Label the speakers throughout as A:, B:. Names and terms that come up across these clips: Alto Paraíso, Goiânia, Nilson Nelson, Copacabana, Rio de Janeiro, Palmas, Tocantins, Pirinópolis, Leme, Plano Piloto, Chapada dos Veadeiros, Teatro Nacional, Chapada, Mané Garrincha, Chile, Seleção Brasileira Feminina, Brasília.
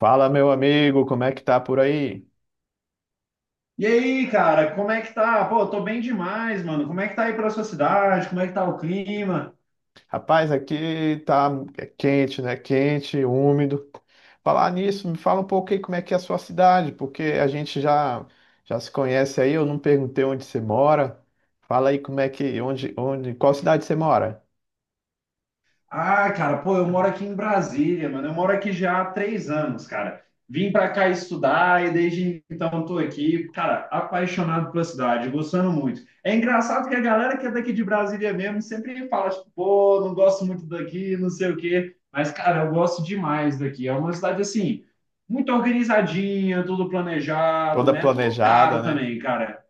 A: Fala, meu amigo, como é que tá por aí?
B: E aí, cara, como é que tá? Pô, eu tô bem demais, mano. Como é que tá aí pra sua cidade? Como é que tá o clima?
A: Rapaz, aqui tá é quente, né? Quente, úmido. Falar nisso, me fala um pouco aí como é que é a sua cidade, porque a gente já se conhece aí, eu não perguntei onde você mora. Fala aí como é que, onde, qual cidade você mora?
B: Ah, cara, pô, eu moro aqui em Brasília, mano. Eu moro aqui já há 3 anos, cara. Vim pra cá estudar e desde então tô aqui, cara, apaixonado pela cidade, gostando muito. É engraçado que a galera que é daqui de Brasília mesmo sempre fala, tipo, pô, não gosto muito daqui, não sei o quê. Mas, cara, eu gosto demais daqui. É uma cidade assim, muito organizadinha, tudo planejado,
A: Toda
B: né? Tudo
A: planejada,
B: caro
A: né?
B: também, cara.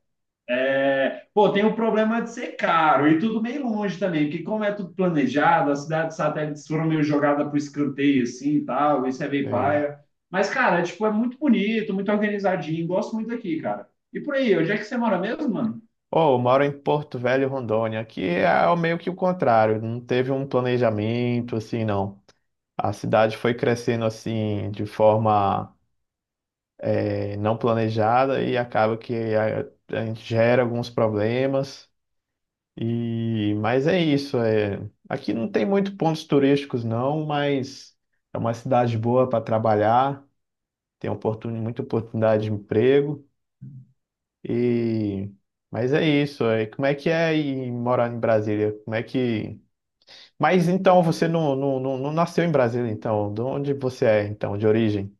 B: É, pô, tem o problema de ser caro e tudo meio longe também, porque como é tudo planejado, as cidades satélites foram meio jogadas para o escanteio assim e tal, isso é meio
A: Sim.
B: paia. Mas, cara, é, tipo, é muito bonito, muito organizadinho, gosto muito daqui, cara. E por aí, onde é que você mora mesmo, mano?
A: Oh, eu moro em Porto Velho, Rondônia. Aqui é meio que o contrário, não teve um planejamento assim, não. A cidade foi crescendo assim de forma não planejada e acaba que a gente gera alguns problemas. E mas é isso, é, aqui não tem muito pontos turísticos não, mas é uma cidade boa para trabalhar, tem muita oportunidade de emprego e mas é isso, é, como é que é ir morar em Brasília? Como é que mas então você não nasceu em Brasília então, de onde você é então, de origem?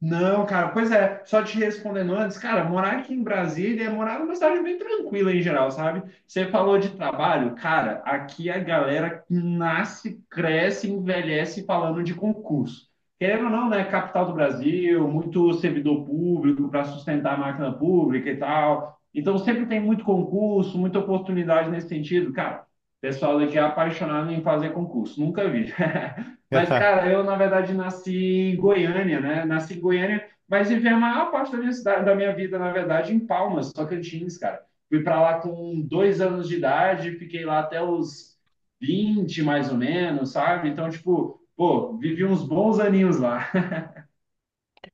B: Não, cara, pois é, só te respondendo antes, cara, morar aqui em Brasília é morar numa cidade bem tranquila em geral, sabe? Você falou de trabalho, cara, aqui a galera nasce, cresce, envelhece falando de concurso. Querendo ou não, né? Capital do Brasil, muito servidor público para sustentar a máquina pública e tal. Então sempre tem muito concurso, muita oportunidade nesse sentido, cara. O pessoal daqui é apaixonado em fazer concurso, nunca vi. Mas, cara, eu, na verdade, nasci em Goiânia, né? Nasci em Goiânia, mas vivi a maior parte da minha, da minha vida, na verdade, em Palmas, Tocantins, cara. Fui para lá com 2 anos de idade, fiquei lá até os 20 mais ou menos, sabe? Então, tipo, pô, vivi uns bons aninhos lá.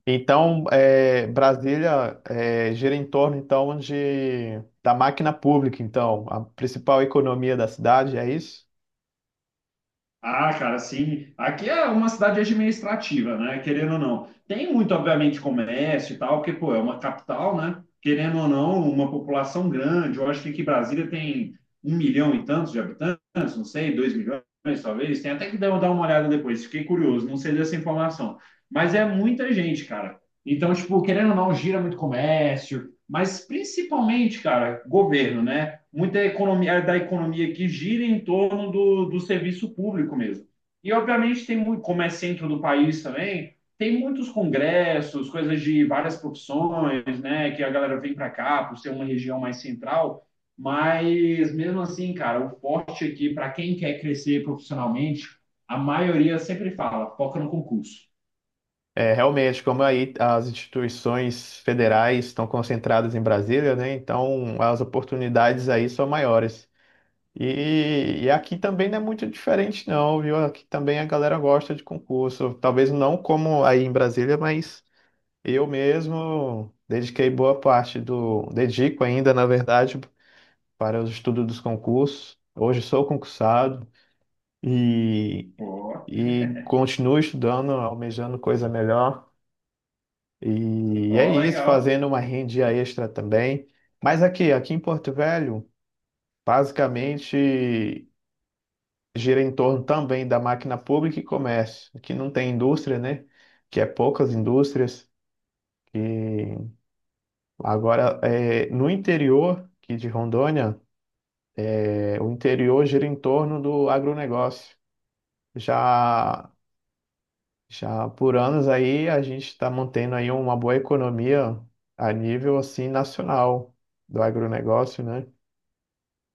A: Então, é, Brasília é, gira em torno então de da máquina pública. Então, a principal economia da cidade é isso.
B: Ah, cara, sim. Aqui é uma cidade administrativa, né? Querendo ou não. Tem muito, obviamente, comércio e tal, porque, pô, é uma capital, né? Querendo ou não, uma população grande. Eu acho que aqui Brasília tem 1 milhão e tantos de habitantes, não sei, 2 milhões, talvez. Tem até que dar uma olhada depois, fiquei curioso, não sei dessa informação. Mas é muita gente, cara. Então, tipo, querendo ou não, gira muito comércio, mas principalmente, cara, governo, né? Muita economia da economia que gira em torno do, do serviço público mesmo. E obviamente tem muito, como é centro do país também, tem muitos congressos, coisas de várias profissões, né, que a galera vem para cá por ser uma região mais central, mas mesmo assim, cara, o forte aqui para quem quer crescer profissionalmente, a maioria sempre fala, foca no concurso.
A: É, realmente, como aí as instituições federais estão concentradas em Brasília, né? Então, as oportunidades aí são maiores. E aqui também não é muito diferente, não, viu? Aqui também a galera gosta de concurso. Talvez não como aí em Brasília, mas eu mesmo dediquei boa parte do, dedico ainda, na verdade, para os estudos dos concursos. Hoje sou concursado e,
B: Ó,
A: e continuo estudando, almejando coisa melhor. E é
B: ó,
A: isso,
B: legal.
A: fazendo uma rendia extra também. Mas aqui, aqui em Porto Velho, basicamente gira em torno também da máquina pública e comércio. Aqui não tem indústria, né? Que é poucas indústrias. E agora, é, no interior aqui de Rondônia, é, o interior gira em torno do agronegócio. Já Já por anos aí a gente está mantendo aí uma boa economia a nível assim nacional do agronegócio, né?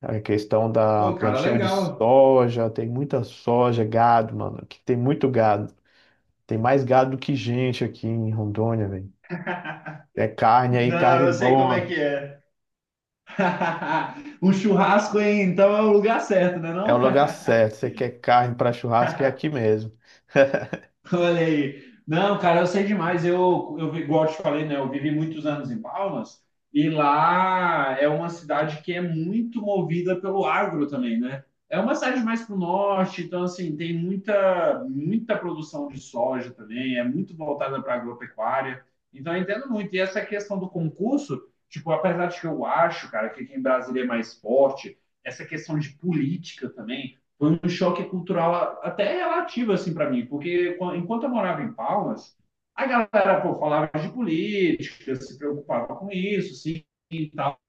A: A questão da
B: Pô, cara,
A: plantio de
B: legal.
A: soja, tem muita soja, gado, mano, aqui tem muito gado. Tem mais gado do que gente aqui em Rondônia, velho. É carne aí,
B: Não,
A: carne
B: eu sei como é que
A: boa.
B: é. O churrasco, hein? Então é o lugar certo, né
A: É o
B: não?
A: lugar certo. Você quer carne para churrasco, é aqui mesmo.
B: Olha aí. Não, cara, eu sei demais. Igual eu te falei, né? Eu vivi muitos anos em Palmas e lá é uma cidade que é muito movida pelo agro também, né? É uma cidade mais para o norte, então, assim, tem muita, muita produção de soja também, é muito voltada para agropecuária. Então, eu entendo muito. E essa questão do concurso, tipo, apesar de que eu acho, cara, que aqui em Brasília é mais forte, essa questão de política também foi um choque cultural até relativo assim para mim, porque enquanto eu morava em Palmas, a galera pô, falava de política, se preocupava com isso, sim, e tal.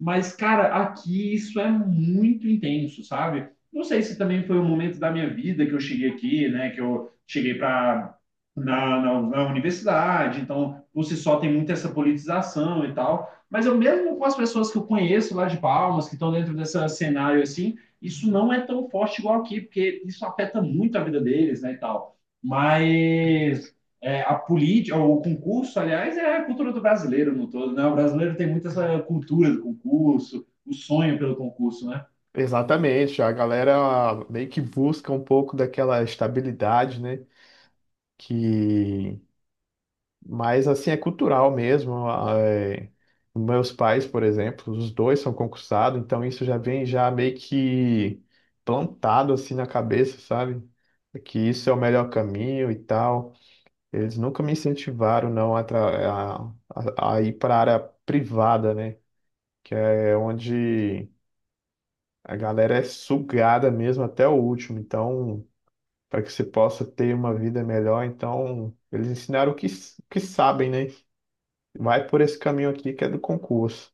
B: Mas cara, aqui isso é muito intenso, sabe? Não sei se também foi um momento da minha vida que eu cheguei aqui, né, que eu cheguei para na universidade, então por si só tem muita essa politização e tal. Mas eu mesmo com as pessoas que eu conheço lá de Palmas, que estão dentro desse cenário assim, isso não é tão forte igual aqui, porque isso afeta muito a vida deles, né, e tal. Mas é, a política, o concurso, aliás, é a cultura do brasileiro no todo, né? O brasileiro tem muito essa cultura do concurso, o sonho pelo concurso, né?
A: Exatamente, a galera meio que busca um pouco daquela estabilidade, né? Que mas assim é cultural mesmo. Ah, é. Meus pais, por exemplo, os dois são concursados, então isso já vem já meio que plantado assim na cabeça, sabe? É que isso é o melhor caminho e tal. Eles nunca me incentivaram não a, a ir para a área privada, né? Que é onde a galera é sugada mesmo até o último. Então, para que você possa ter uma vida melhor, então eles ensinaram o que, o que sabem, né? Vai por esse caminho aqui que é do concurso.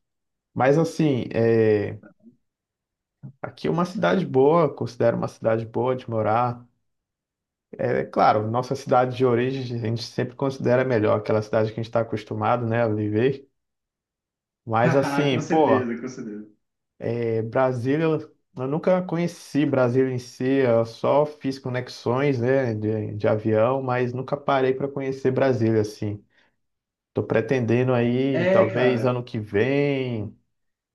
A: Mas assim, é, aqui é uma cidade boa, considero uma cidade boa de morar. É claro, nossa cidade de origem a gente sempre considera melhor, aquela cidade que a gente está acostumado, né, a viver. Mas assim,
B: Com
A: pô,
B: certeza, com certeza.
A: é, Brasília, eu nunca conheci Brasília em si, eu só fiz conexões, né, de avião, mas nunca parei para conhecer Brasília, assim. Tô pretendendo aí,
B: É,
A: talvez
B: cara.
A: ano que vem,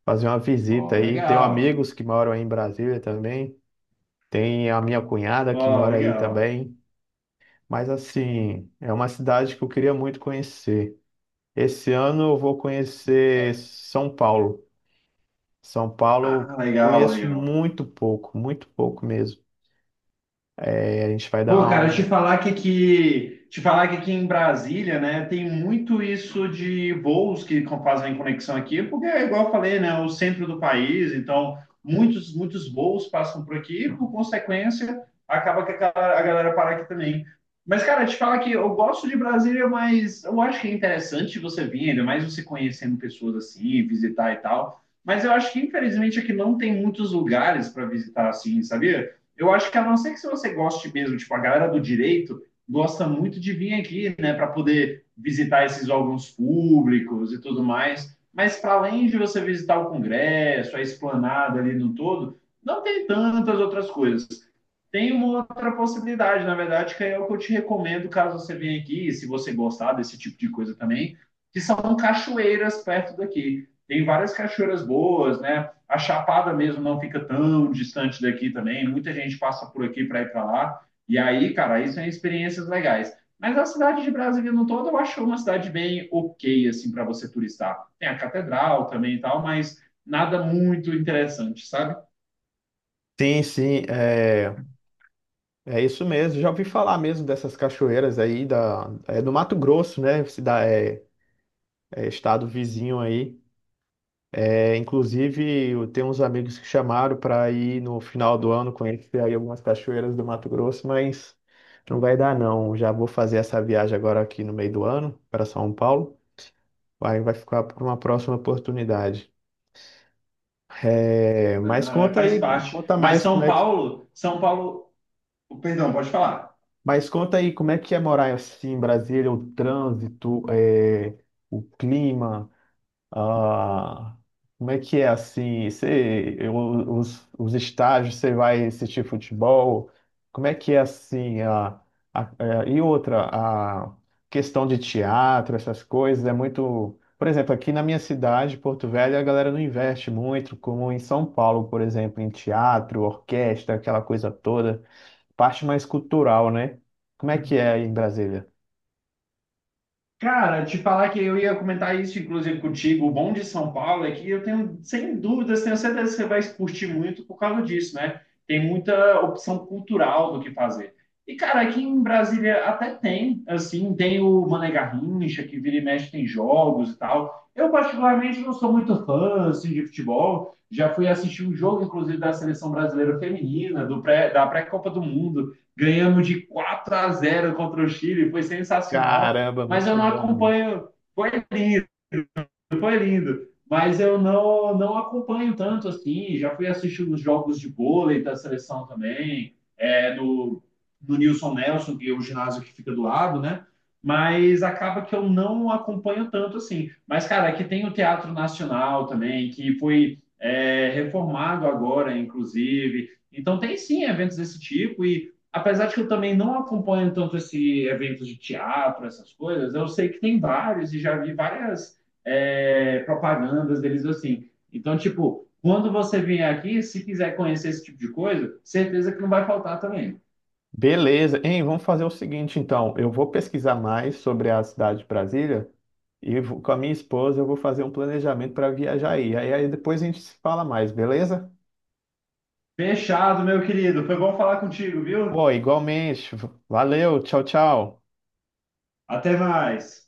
A: fazer uma visita
B: Ó,
A: aí. Tenho
B: legal.
A: amigos que moram aí em Brasília também. Tem a minha cunhada
B: Ó,
A: que mora aí
B: legal.
A: também. Mas assim, é uma cidade que eu queria muito conhecer. Esse ano eu vou
B: É,
A: conhecer São Paulo. São Paulo
B: ah,
A: eu
B: legal,
A: conheço
B: legal.
A: muito pouco mesmo. É, a gente vai
B: Pô,
A: dar
B: cara, te
A: um.
B: falar que te falar que aqui em Brasília, né, tem muito isso de voos fazem conexão aqui, porque é igual eu falei, né, o centro do país, então muitos muitos voos passam por aqui, e, por consequência, acaba que a galera para aqui também. Mas, cara, te falar que eu gosto de Brasília, mas eu acho que é interessante você vir, ainda mais você conhecendo pessoas assim, visitar e tal. Mas eu acho que, infelizmente, aqui não tem muitos lugares para visitar assim, sabia? Eu acho que a não ser que se você goste mesmo, tipo, a galera do direito gosta muito de vir aqui, né, para poder visitar esses órgãos públicos e tudo mais. Mas para além de você visitar o Congresso, a esplanada ali no todo, não tem tantas outras coisas. Tem uma outra possibilidade, na verdade, que é o que eu te recomendo caso você venha aqui, e se você gostar desse tipo de coisa também, que são cachoeiras perto daqui. Tem várias cachoeiras boas, né? A Chapada mesmo não fica tão distante daqui também. Muita gente passa por aqui para ir para lá. E aí, cara, isso são experiências legais. Mas a cidade de Brasília no todo eu acho uma cidade bem ok, assim, para você turistar. Tem a catedral também e tal, mas nada muito interessante, sabe?
A: Sim, sim, é, é isso mesmo. Já ouvi falar mesmo dessas cachoeiras aí da, é do Mato Grosso, né? É, é estado vizinho aí. É, inclusive, eu tenho uns amigos que chamaram para ir no final do ano conhecer aí algumas cachoeiras do Mato Grosso, mas não vai dar não. Já vou fazer essa viagem agora aqui no meio do ano para São Paulo. Aí vai ficar para uma próxima oportunidade. É, mas
B: Não, é,
A: conta
B: faz
A: aí,
B: parte.
A: conta
B: Mas
A: mais como
B: São
A: é que,
B: Paulo, São Paulo, perdão, pode falar.
A: mas conta aí como é que é morar assim em Brasília, o trânsito, é, o clima. Ah, como é que é assim? Você, os estágios, você vai assistir futebol? Como é que é assim? É, e outra, a questão de teatro, essas coisas, é muito. Por exemplo, aqui na minha cidade, Porto Velho, a galera não investe muito, como em São Paulo, por exemplo, em teatro, orquestra, aquela coisa toda, parte mais cultural, né? Como é que é aí em Brasília?
B: Cara, te falar que eu ia comentar isso, inclusive, contigo. O bom de São Paulo é que eu tenho, sem dúvidas, tenho certeza que você vai curtir muito por causa disso, né? Tem muita opção cultural do que fazer. E, cara, aqui em Brasília até tem, assim, tem o Mané Garrincha, que vira e mexe tem jogos e tal. Eu, particularmente, não sou muito fã, assim, de futebol. Já fui assistir um jogo, inclusive, da Seleção Brasileira Feminina, da pré-Copa do Mundo. Ganhamos de 4 a 0 contra o Chile, foi sensacional,
A: Caramba,
B: mas eu
A: muito
B: não
A: bom.
B: acompanho. Foi foi lindo. Mas eu não, não acompanho tanto assim. Já fui assistir os jogos de vôlei da seleção também, é, no, no Nilson Nelson, que é o ginásio que fica do lado, né? Mas acaba que eu não acompanho tanto assim. Mas, cara, aqui tem o Teatro Nacional também, que foi é, reformado agora, inclusive. Então, tem sim eventos desse tipo. E apesar de que eu também não acompanho tanto esse eventos de teatro, essas coisas, eu sei que tem vários e já vi várias é, propagandas deles assim. Então, tipo, quando você vier aqui, se quiser conhecer esse tipo de coisa, certeza que não vai faltar também.
A: Beleza. Hein, vamos fazer o seguinte, então. Eu vou pesquisar mais sobre a cidade de Brasília e com a minha esposa eu vou fazer um planejamento para viajar aí. Aí depois a gente se fala mais, beleza?
B: Fechado, meu querido. Foi bom falar contigo, viu?
A: Pô, igualmente. Valeu, tchau, tchau.
B: Até mais.